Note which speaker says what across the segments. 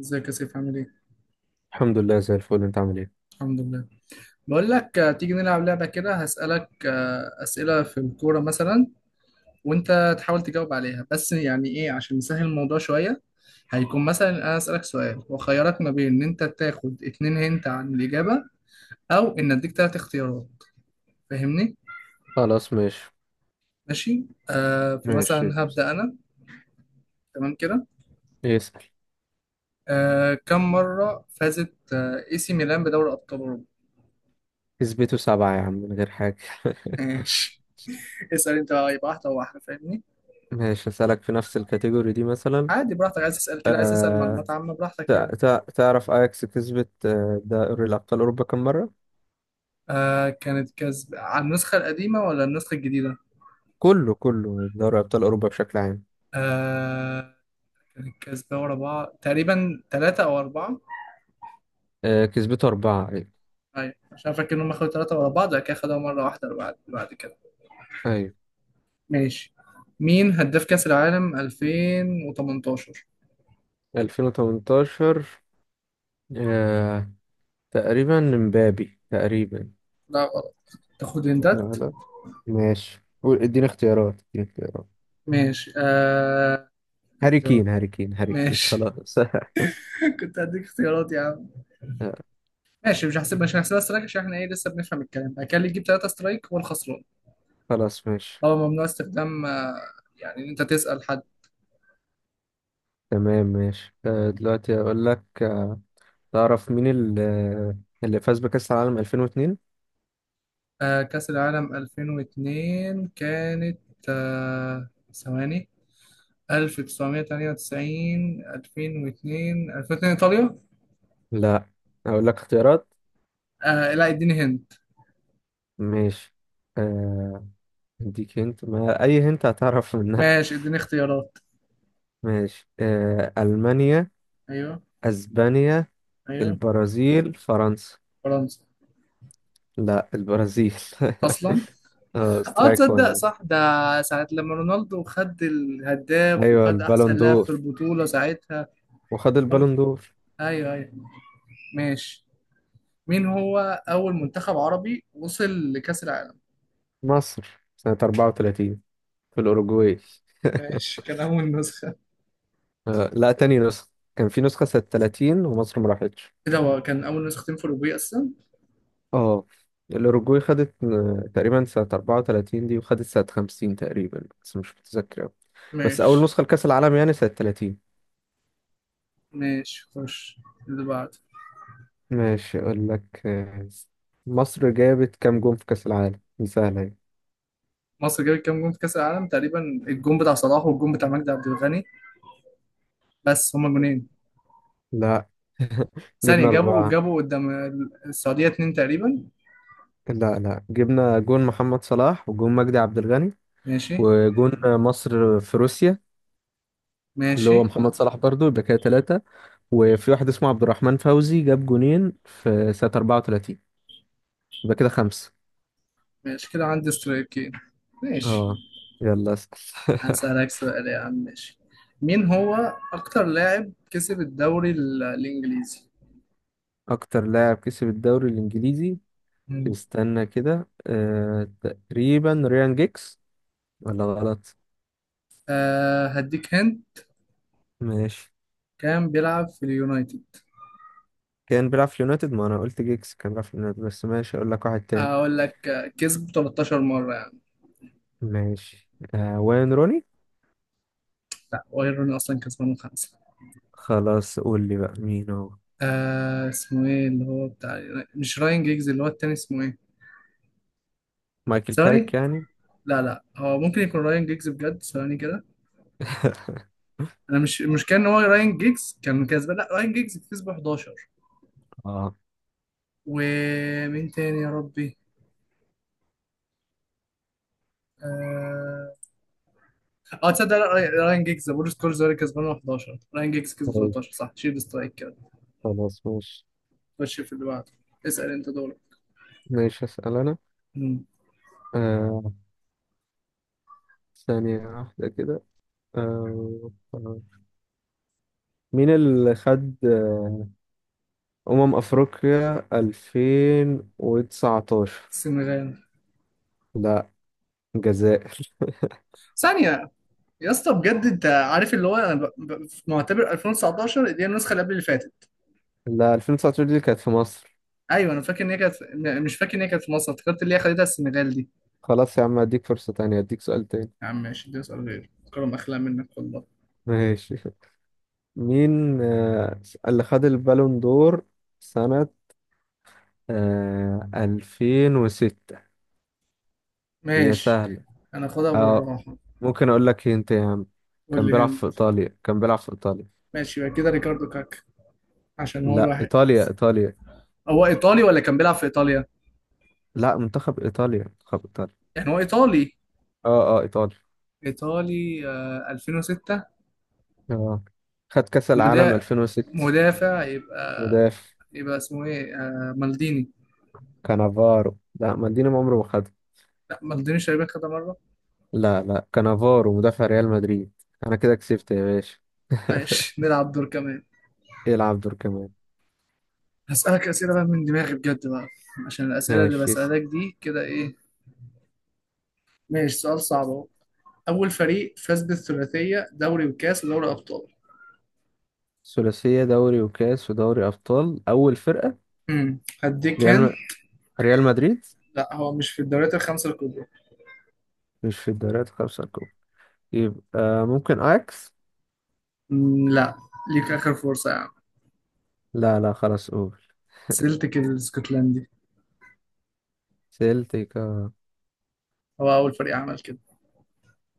Speaker 1: ازيك يا سيف عامل ايه؟
Speaker 2: الحمد لله زي الفل. انت عامل ايه؟
Speaker 1: الحمد لله. بقول لك تيجي نلعب لعبة كده. هسألك أسئلة في الكورة مثلا، وانت تحاول تجاوب عليها. بس يعني ايه؟ عشان نسهل الموضوع شوية، هيكون مثلا انا أسألك سؤال واخيرك ما بين ان انت تاخد اتنين هنت عن الإجابة او ان اديك تلات اختيارات. فاهمني؟
Speaker 2: خلاص ماشي.
Speaker 1: ماشي؟
Speaker 2: ماشي
Speaker 1: فمثلا هبدأ انا. تمام كده؟
Speaker 2: اسأل.
Speaker 1: كم مرة فازت اي سي ميلان بدوري أبطال أوروبا؟
Speaker 2: اثبته سبعة يا عم من غير حاجة.
Speaker 1: ماشي. اسأل انت بقى، يبقى واحدة واحدة. فاهمني؟
Speaker 2: ماشي اسألك في نفس الكاتيجوري دي مثلا.
Speaker 1: عادي براحتك. عايز تسأل كده، عايز تسأل
Speaker 2: آه...
Speaker 1: معلومات عامة براحتك
Speaker 2: تع...
Speaker 1: يعني.
Speaker 2: تع... تعرف اياكس كسبت دوري ابطال اوروبا كم مرة؟
Speaker 1: كانت كسب على النسخة القديمة ولا النسخة الجديدة؟
Speaker 2: كله كله دوري ابطال اوروبا بشكل عام.
Speaker 1: آه كانت كسبة ورا بعض تقريبا ثلاثة أو أربعة.
Speaker 2: كسبته أربعة ايوه.
Speaker 1: أيوة، عشان فاكر إنهم أخدوا ثلاثة ورا بعض بعد كده خدوها مرة واحدة بعد كده.
Speaker 2: ايوه
Speaker 1: ماشي. مين هداف كأس العالم 2018؟
Speaker 2: 2018. آه... تقريبا مبابي تقريبا.
Speaker 1: لا غلط. تاخد
Speaker 2: لا
Speaker 1: هنتات؟
Speaker 2: لا. ماشي اديني اختيارات، اديني اختيارات.
Speaker 1: ماشي
Speaker 2: هاري
Speaker 1: اختيار.
Speaker 2: كين هاري كين هاري كين
Speaker 1: ماشي.
Speaker 2: خلاص.
Speaker 1: كنت هديك اختيارات يا عم. ماشي، مش هحسبها سترايك عشان احنا ايه لسه بنفهم الكلام. بعد كده اللي يجيب ثلاثة سترايك هو الخسران.
Speaker 2: خلاص ماشي.
Speaker 1: اه، ممنوع استخدام يعني ان انت تسأل حد.
Speaker 2: تمام ماشي. دلوقتي اقول لك، تعرف مين اللي فاز بكأس العالم 2002؟
Speaker 1: كأس العالم 2002 كانت ثواني. 1998 2002 2002 ايطاليا.
Speaker 2: لا اقول لك اختيارات.
Speaker 1: لا، اديني هند.
Speaker 2: ماشي، آه، اديك هنت، ما اي هنت هتعرف منها.
Speaker 1: ماشي، اديني اختيارات.
Speaker 2: ماشي. ألمانيا،
Speaker 1: ايوه.
Speaker 2: اسبانيا،
Speaker 1: ايوه.
Speaker 2: البرازيل، فرنسا.
Speaker 1: فرنسا.
Speaker 2: لا البرازيل.
Speaker 1: اصلا.
Speaker 2: اه
Speaker 1: اه،
Speaker 2: سترايك
Speaker 1: تصدق
Speaker 2: وانا.
Speaker 1: صح ده. ساعة لما رونالدو خد الهداف
Speaker 2: ايوه
Speaker 1: وخد احسن
Speaker 2: البالون
Speaker 1: لاعب في
Speaker 2: دور،
Speaker 1: البطولة ساعتها.
Speaker 2: وخد
Speaker 1: وخلاص.
Speaker 2: البالون دور.
Speaker 1: ايوه، ايوه. ماشي. مين هو اول منتخب عربي وصل لكأس العالم؟
Speaker 2: مصر سنة 34 في الأوروجواي.
Speaker 1: ماشي، كان أول نسخة؟
Speaker 2: لا، تاني نسخة. كان في نسخة سنة 30 ومصر ما راحتش.
Speaker 1: كده هو كان أول نسختين في الأوروبية أصلا.
Speaker 2: اه الأوروجواي خدت تقريبا سنة 34 دي، وخدت سنة 50 تقريبا بس مش متذكر أوي. بس أول
Speaker 1: ماشي.
Speaker 2: نسخة لكأس العالم يعني سنة 30.
Speaker 1: ماشي، خش اللي بعده.
Speaker 2: ماشي أقول لك، مصر جابت كام جون في كأس العالم؟ دي سهلة أهي.
Speaker 1: مصر جابت كام جون في كأس العالم تقريبا؟ الجون بتاع صلاح والجون بتاع مجدي عبد الغني. بس هما جونين.
Speaker 2: لا.
Speaker 1: ثانية.
Speaker 2: جبنا
Speaker 1: جابوا
Speaker 2: أربعة.
Speaker 1: جابوا قدام. السعودية اتنين تقريبا.
Speaker 2: لا لا، جبنا جون محمد صلاح وجون مجدي عبد الغني.
Speaker 1: ماشي.
Speaker 2: وجون مصر في روسيا اللي
Speaker 1: ماشي.
Speaker 2: هو محمد صلاح برضو، يبقى كده ثلاثة. وفي واحد اسمه عبد الرحمن فوزي جاب جونين في سنة 34. يبقى كده خمسة.
Speaker 1: ماشي، كده عندي سترايكين. ماشي.
Speaker 2: اه يلا اسأل.
Speaker 1: هسألك سؤال يا عم ماشي. مين هو أكتر لاعب كسب الدوري الإنجليزي؟
Speaker 2: أكتر لاعب كسب الدوري الإنجليزي.
Speaker 1: مم.
Speaker 2: استنى كده، تقريبا ريان جيكس. ولا غلط؟
Speaker 1: هديك هند.
Speaker 2: ماشي.
Speaker 1: كان بيلعب في اليونايتد.
Speaker 2: كان بيلعب في اليونايتد. ما أنا قلت جيكس كان بيلعب في اليونايتد، بس ماشي أقول لك واحد تاني.
Speaker 1: اقول لك كسب 13 مره يعني.
Speaker 2: ماشي. وين روني.
Speaker 1: لا، واير روني اصلا كسبان خمسه.
Speaker 2: خلاص قول لي بقى مين هو.
Speaker 1: اسمه ايه اللي هو بتاع، مش راين جيجز. اللي هو التاني اسمه ايه؟
Speaker 2: مايكل
Speaker 1: ساري.
Speaker 2: كاريك يعني.
Speaker 1: لا لا، هو ممكن يكون راين جيجز بجد. ثواني كده. انا مش كان هو راين جيجز. كان كسبان، لا راين جيجز كسب 11.
Speaker 2: اه.
Speaker 1: ومين تاني يا ربي؟ اه. تصدق، لا، راين جيجز بول سكولز هو اللي كسبان 11، راين جيجز كسب
Speaker 2: ماشي
Speaker 1: 13. صح، شيل سترايك كده.
Speaker 2: خلاص ماشي.
Speaker 1: خش في اللي بعده. اسال انت دورك.
Speaker 2: ماشي أسأل
Speaker 1: مم.
Speaker 2: أنا. ثانية واحدة كده. آه، آه. مين اللي خد أمم أفريقيا 2019؟
Speaker 1: السنغال.
Speaker 2: لا. الجزائر.
Speaker 1: ثانية. يا اسطى بجد انت عارف اللي هو انا في معتبر 2019 دي النسخه اللي قبل اللي فاتت.
Speaker 2: لا، 2019 دي كانت في مصر.
Speaker 1: ايوه، انا فاكر ان هي كانت مش فاكر ان هي كانت في مصر. افتكرت اللي هي خدتها السنغال دي.
Speaker 2: خلاص يا عم أديك فرصة تانية، أديك سؤال تاني.
Speaker 1: يا عم ماشي، دي اسال غير كرم اخلاق منك والله.
Speaker 2: ماشي. مين اللي خد البالون دور سنة 2006؟ هي
Speaker 1: ماشي.
Speaker 2: سهلة
Speaker 1: انا خدها
Speaker 2: اه.
Speaker 1: بالراحه.
Speaker 2: ممكن أقول لك انت يا عم،
Speaker 1: قول
Speaker 2: كان
Speaker 1: لي
Speaker 2: بيلعب
Speaker 1: هند.
Speaker 2: في إيطاليا، كان بيلعب في إيطاليا.
Speaker 1: ماشي، يبقى كده ريكاردو كاكا، عشان هو
Speaker 2: لا،
Speaker 1: الواحد.
Speaker 2: إيطاليا إيطاليا.
Speaker 1: هو ايطالي ولا كان بيلعب في ايطاليا؟
Speaker 2: لا منتخب ايطاليا، منتخب ايطاليا.
Speaker 1: يعني هو ايطالي.
Speaker 2: اه اه ايطاليا.
Speaker 1: ايطالي، 2006.
Speaker 2: اه خد كاس العالم
Speaker 1: مدا...
Speaker 2: 2006.
Speaker 1: مدافع يبقى.
Speaker 2: مدافع.
Speaker 1: يبقى اسمه ايه؟ مالديني.
Speaker 2: كانافارو. لا مالديني ما عمره ما خدها.
Speaker 1: لا، مالديني شايبك كده مره.
Speaker 2: لا لا، كانافارو مدافع ريال مدريد. انا كده كسبت يا باشا.
Speaker 1: ماشي، نلعب دور كمان.
Speaker 2: يلعب دور كمان.
Speaker 1: هسألك أسئلة بقى من دماغي بجد بقى، عشان الأسئلة اللي
Speaker 2: ماشي.
Speaker 1: بسألك دي كده إيه. ماشي، سؤال صعب أهو. أول فريق فاز بالثلاثية، دوري وكاس ودوري أبطال.
Speaker 2: ثلاثية دوري وكاس ودوري ابطال، اول فرقة.
Speaker 1: هديك
Speaker 2: ريال
Speaker 1: هن.
Speaker 2: م... ريال مدريد.
Speaker 1: لا، هو مش في الدوريات الخمسة الكبرى.
Speaker 2: مش في الدوريات الخمسة الكبرى؟ يبقى ممكن اياكس.
Speaker 1: مم، لا. ليك آخر فرصة يا عم.
Speaker 2: لا لا، خلاص قول.
Speaker 1: سيلتك الاسكتلندي،
Speaker 2: سيلتيكا.
Speaker 1: هو أول فريق عمل كده.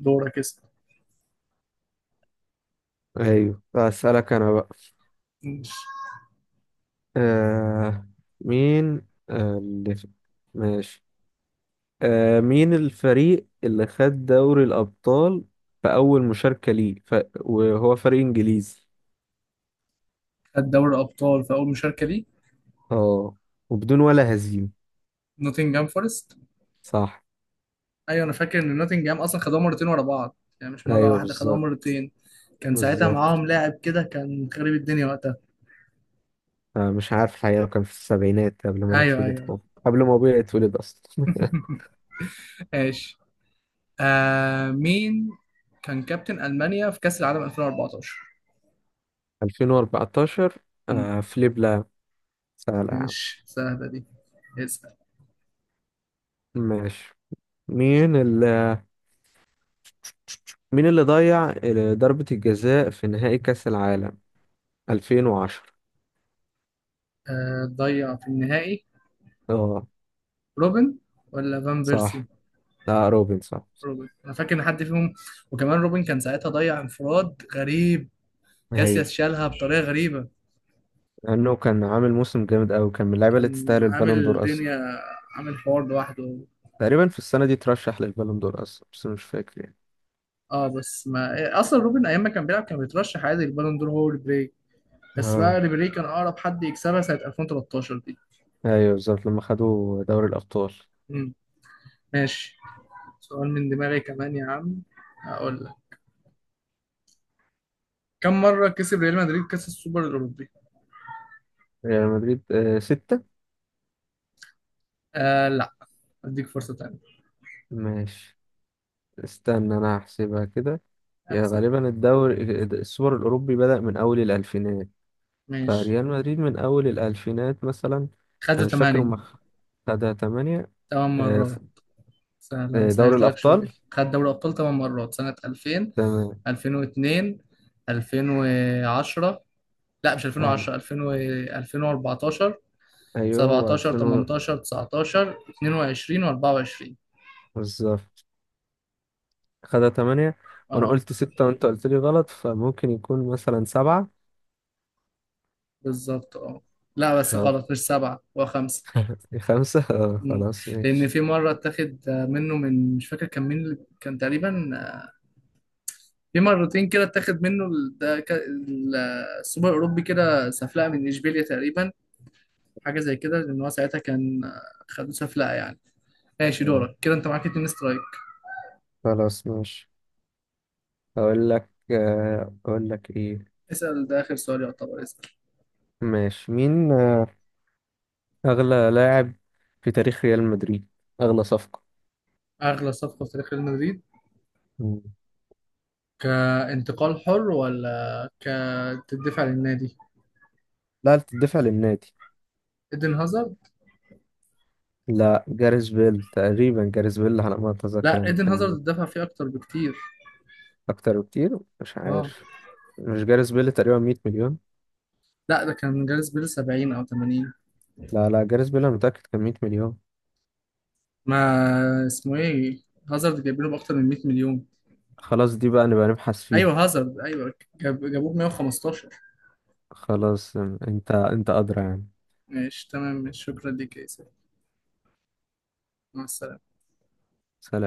Speaker 1: دورك اسأل.
Speaker 2: ايوه اسالك انا بقى.
Speaker 1: ماشي.
Speaker 2: آه مين آه اللي في... ماشي. مين الفريق اللي خد دوري الأبطال في أول مشاركة ليه؟ وهو فريق إنجليزي.
Speaker 1: خد دوري أبطال في أول مشاركة ليه؟
Speaker 2: اه، وبدون ولا هزيمة.
Speaker 1: نوتنجهام فورست.
Speaker 2: صح.
Speaker 1: ايوه، انا فاكر ان نوتنجهام اصلا خدوها مرتين ورا بعض. يعني مش مره
Speaker 2: أيوه
Speaker 1: واحده، خدوها
Speaker 2: بالظبط.
Speaker 1: مرتين. كان ساعتها
Speaker 2: بالظبط.
Speaker 1: معاهم لاعب كده كان خريب الدنيا وقتها.
Speaker 2: مش عارف الحقيقة، كان في السبعينات قبل ما أنا
Speaker 1: ايوه،
Speaker 2: أتولد
Speaker 1: ايوه.
Speaker 2: خالص. قبل ما أبويا يتولد أصلا.
Speaker 1: ماشي. مين كان كابتن ألمانيا في كأس العالم 2014؟
Speaker 2: 2014.
Speaker 1: مم.
Speaker 2: فليب لام. سهل يا عم.
Speaker 1: ماشي، سهله دي. اسال.
Speaker 2: ماشي. مين اللي مين اللي ضيع ضربة الجزاء في نهائي كأس العالم 2010؟
Speaker 1: ضيع في النهائي.
Speaker 2: اه
Speaker 1: روبن ولا فان بيرسي؟
Speaker 2: صح. لا روبن صح.
Speaker 1: روبن، انا فاكر ان حد فيهم. وكمان روبن كان ساعتها ضيع انفراد غريب.
Speaker 2: ايوه،
Speaker 1: كاسياس شالها بطريقه غريبه.
Speaker 2: لانه كان عامل موسم جامد قوي، كان من اللعيبه اللي
Speaker 1: كان
Speaker 2: تستاهل
Speaker 1: عامل
Speaker 2: البالون دور اصلا.
Speaker 1: الدنيا، عامل حوار لوحده.
Speaker 2: تقريبا في السنه دي ترشح للبالون دور اصلا بس مش فاكر يعني.
Speaker 1: اه بس ما اصلا روبن ايام ما كان بيلعب كان بيترشح عادي للبالون دور. هو ريبيري، بس
Speaker 2: اه
Speaker 1: بقى ريبيري كان اقرب حد يكسبها سنة 2013 دي.
Speaker 2: ايوه بالظبط، لما خدوا دوري الابطال.
Speaker 1: امم ماشي، سؤال من دماغي كمان يا عم هقول لك. كم مرة كسب ريال مدريد كأس السوبر الأوروبي؟
Speaker 2: ريال مدريد ستة.
Speaker 1: لا، اديك فرصة تانية.
Speaker 2: ماشي. استنى انا هحسبها كده. يا
Speaker 1: احسب.
Speaker 2: غالبا الدوري السوبر الاوروبي بدأ من اول الالفينات.
Speaker 1: ماشي،
Speaker 2: فريال مدريد من اول الالفينات مثلا. انا
Speaker 1: خدوا
Speaker 2: مش فاكر
Speaker 1: 8.
Speaker 2: هم. خدها تمانية.
Speaker 1: 8
Speaker 2: آه،
Speaker 1: مرات. سهلة، ما
Speaker 2: دوري
Speaker 1: سهلت لك
Speaker 2: الابطال
Speaker 1: شوية، خد دوري أبطال 8 مرات سنة 2000،
Speaker 2: تمام.
Speaker 1: 2002، 2010. لا مش
Speaker 2: أي
Speaker 1: 2010، 2000 و 2014،
Speaker 2: أيوه، هو
Speaker 1: 17،
Speaker 2: 2000
Speaker 1: 18، 19، 22 و24.
Speaker 2: بالظبط خدها 8. وأنا
Speaker 1: اه،
Speaker 2: قلت 6 وأنت قلت لي غلط، فممكن يكون مثلا 7.
Speaker 1: بالظبط اه. لا بس
Speaker 2: طب
Speaker 1: غلط مش سبعة، هو خمسة.
Speaker 2: 5.
Speaker 1: مم.
Speaker 2: خلاص
Speaker 1: لأن
Speaker 2: ماشي.
Speaker 1: في مرة اتاخد منه، من مش فاكر كان مين كان تقريبا. في مرتين كده اتاخد منه السوبر الأوروبي كده سفلقة من إشبيليا تقريبا. حاجة زي كده لأن هو ساعتها كان خدوه سفلقة يعني. ماشي،
Speaker 2: آه،
Speaker 1: دورك كده. أنت معاك اتنين سترايك.
Speaker 2: خلاص ماشي أقول لك، أقول لك إيه.
Speaker 1: اسأل، ده آخر سؤال يعتبر، اسأل.
Speaker 2: ماشي. مين أغلى لاعب في تاريخ ريال مدريد؟ أغلى صفقة.
Speaker 1: أغلى صفقة في تاريخ ريال مدريد،
Speaker 2: مم.
Speaker 1: كانتقال حر ولا كتدفع للنادي؟
Speaker 2: لا، بتدفع للنادي.
Speaker 1: ايدن هازارد.
Speaker 2: لا، جاريث بيل تقريبا. جاريث بيل على ما أتذكر
Speaker 1: لا،
Speaker 2: يعني
Speaker 1: ايدن هازارد
Speaker 2: كان.
Speaker 1: اتدفع فيه اكتر بكتير.
Speaker 2: أكتر بكتير مش
Speaker 1: اه.
Speaker 2: عارف. مش جاريث بيل تقريبا 100 مليون؟
Speaker 1: لا ده كان جاريث بيل 70 او 80.
Speaker 2: لا لا، جاريث بيل انا متأكد كان 100 مليون.
Speaker 1: ما اسمه ايه، هازارد جايبينه باكتر من 100 مليون.
Speaker 2: خلاص دي بقى نبقى نبحث فيها.
Speaker 1: ايوه هازارد، ايوه، جابوه ب 115.
Speaker 2: خلاص انت ادرى يعني.
Speaker 1: ماشي تمام ماشي. شكرا ليك يا اسلام. مع السلامة.
Speaker 2: سلام.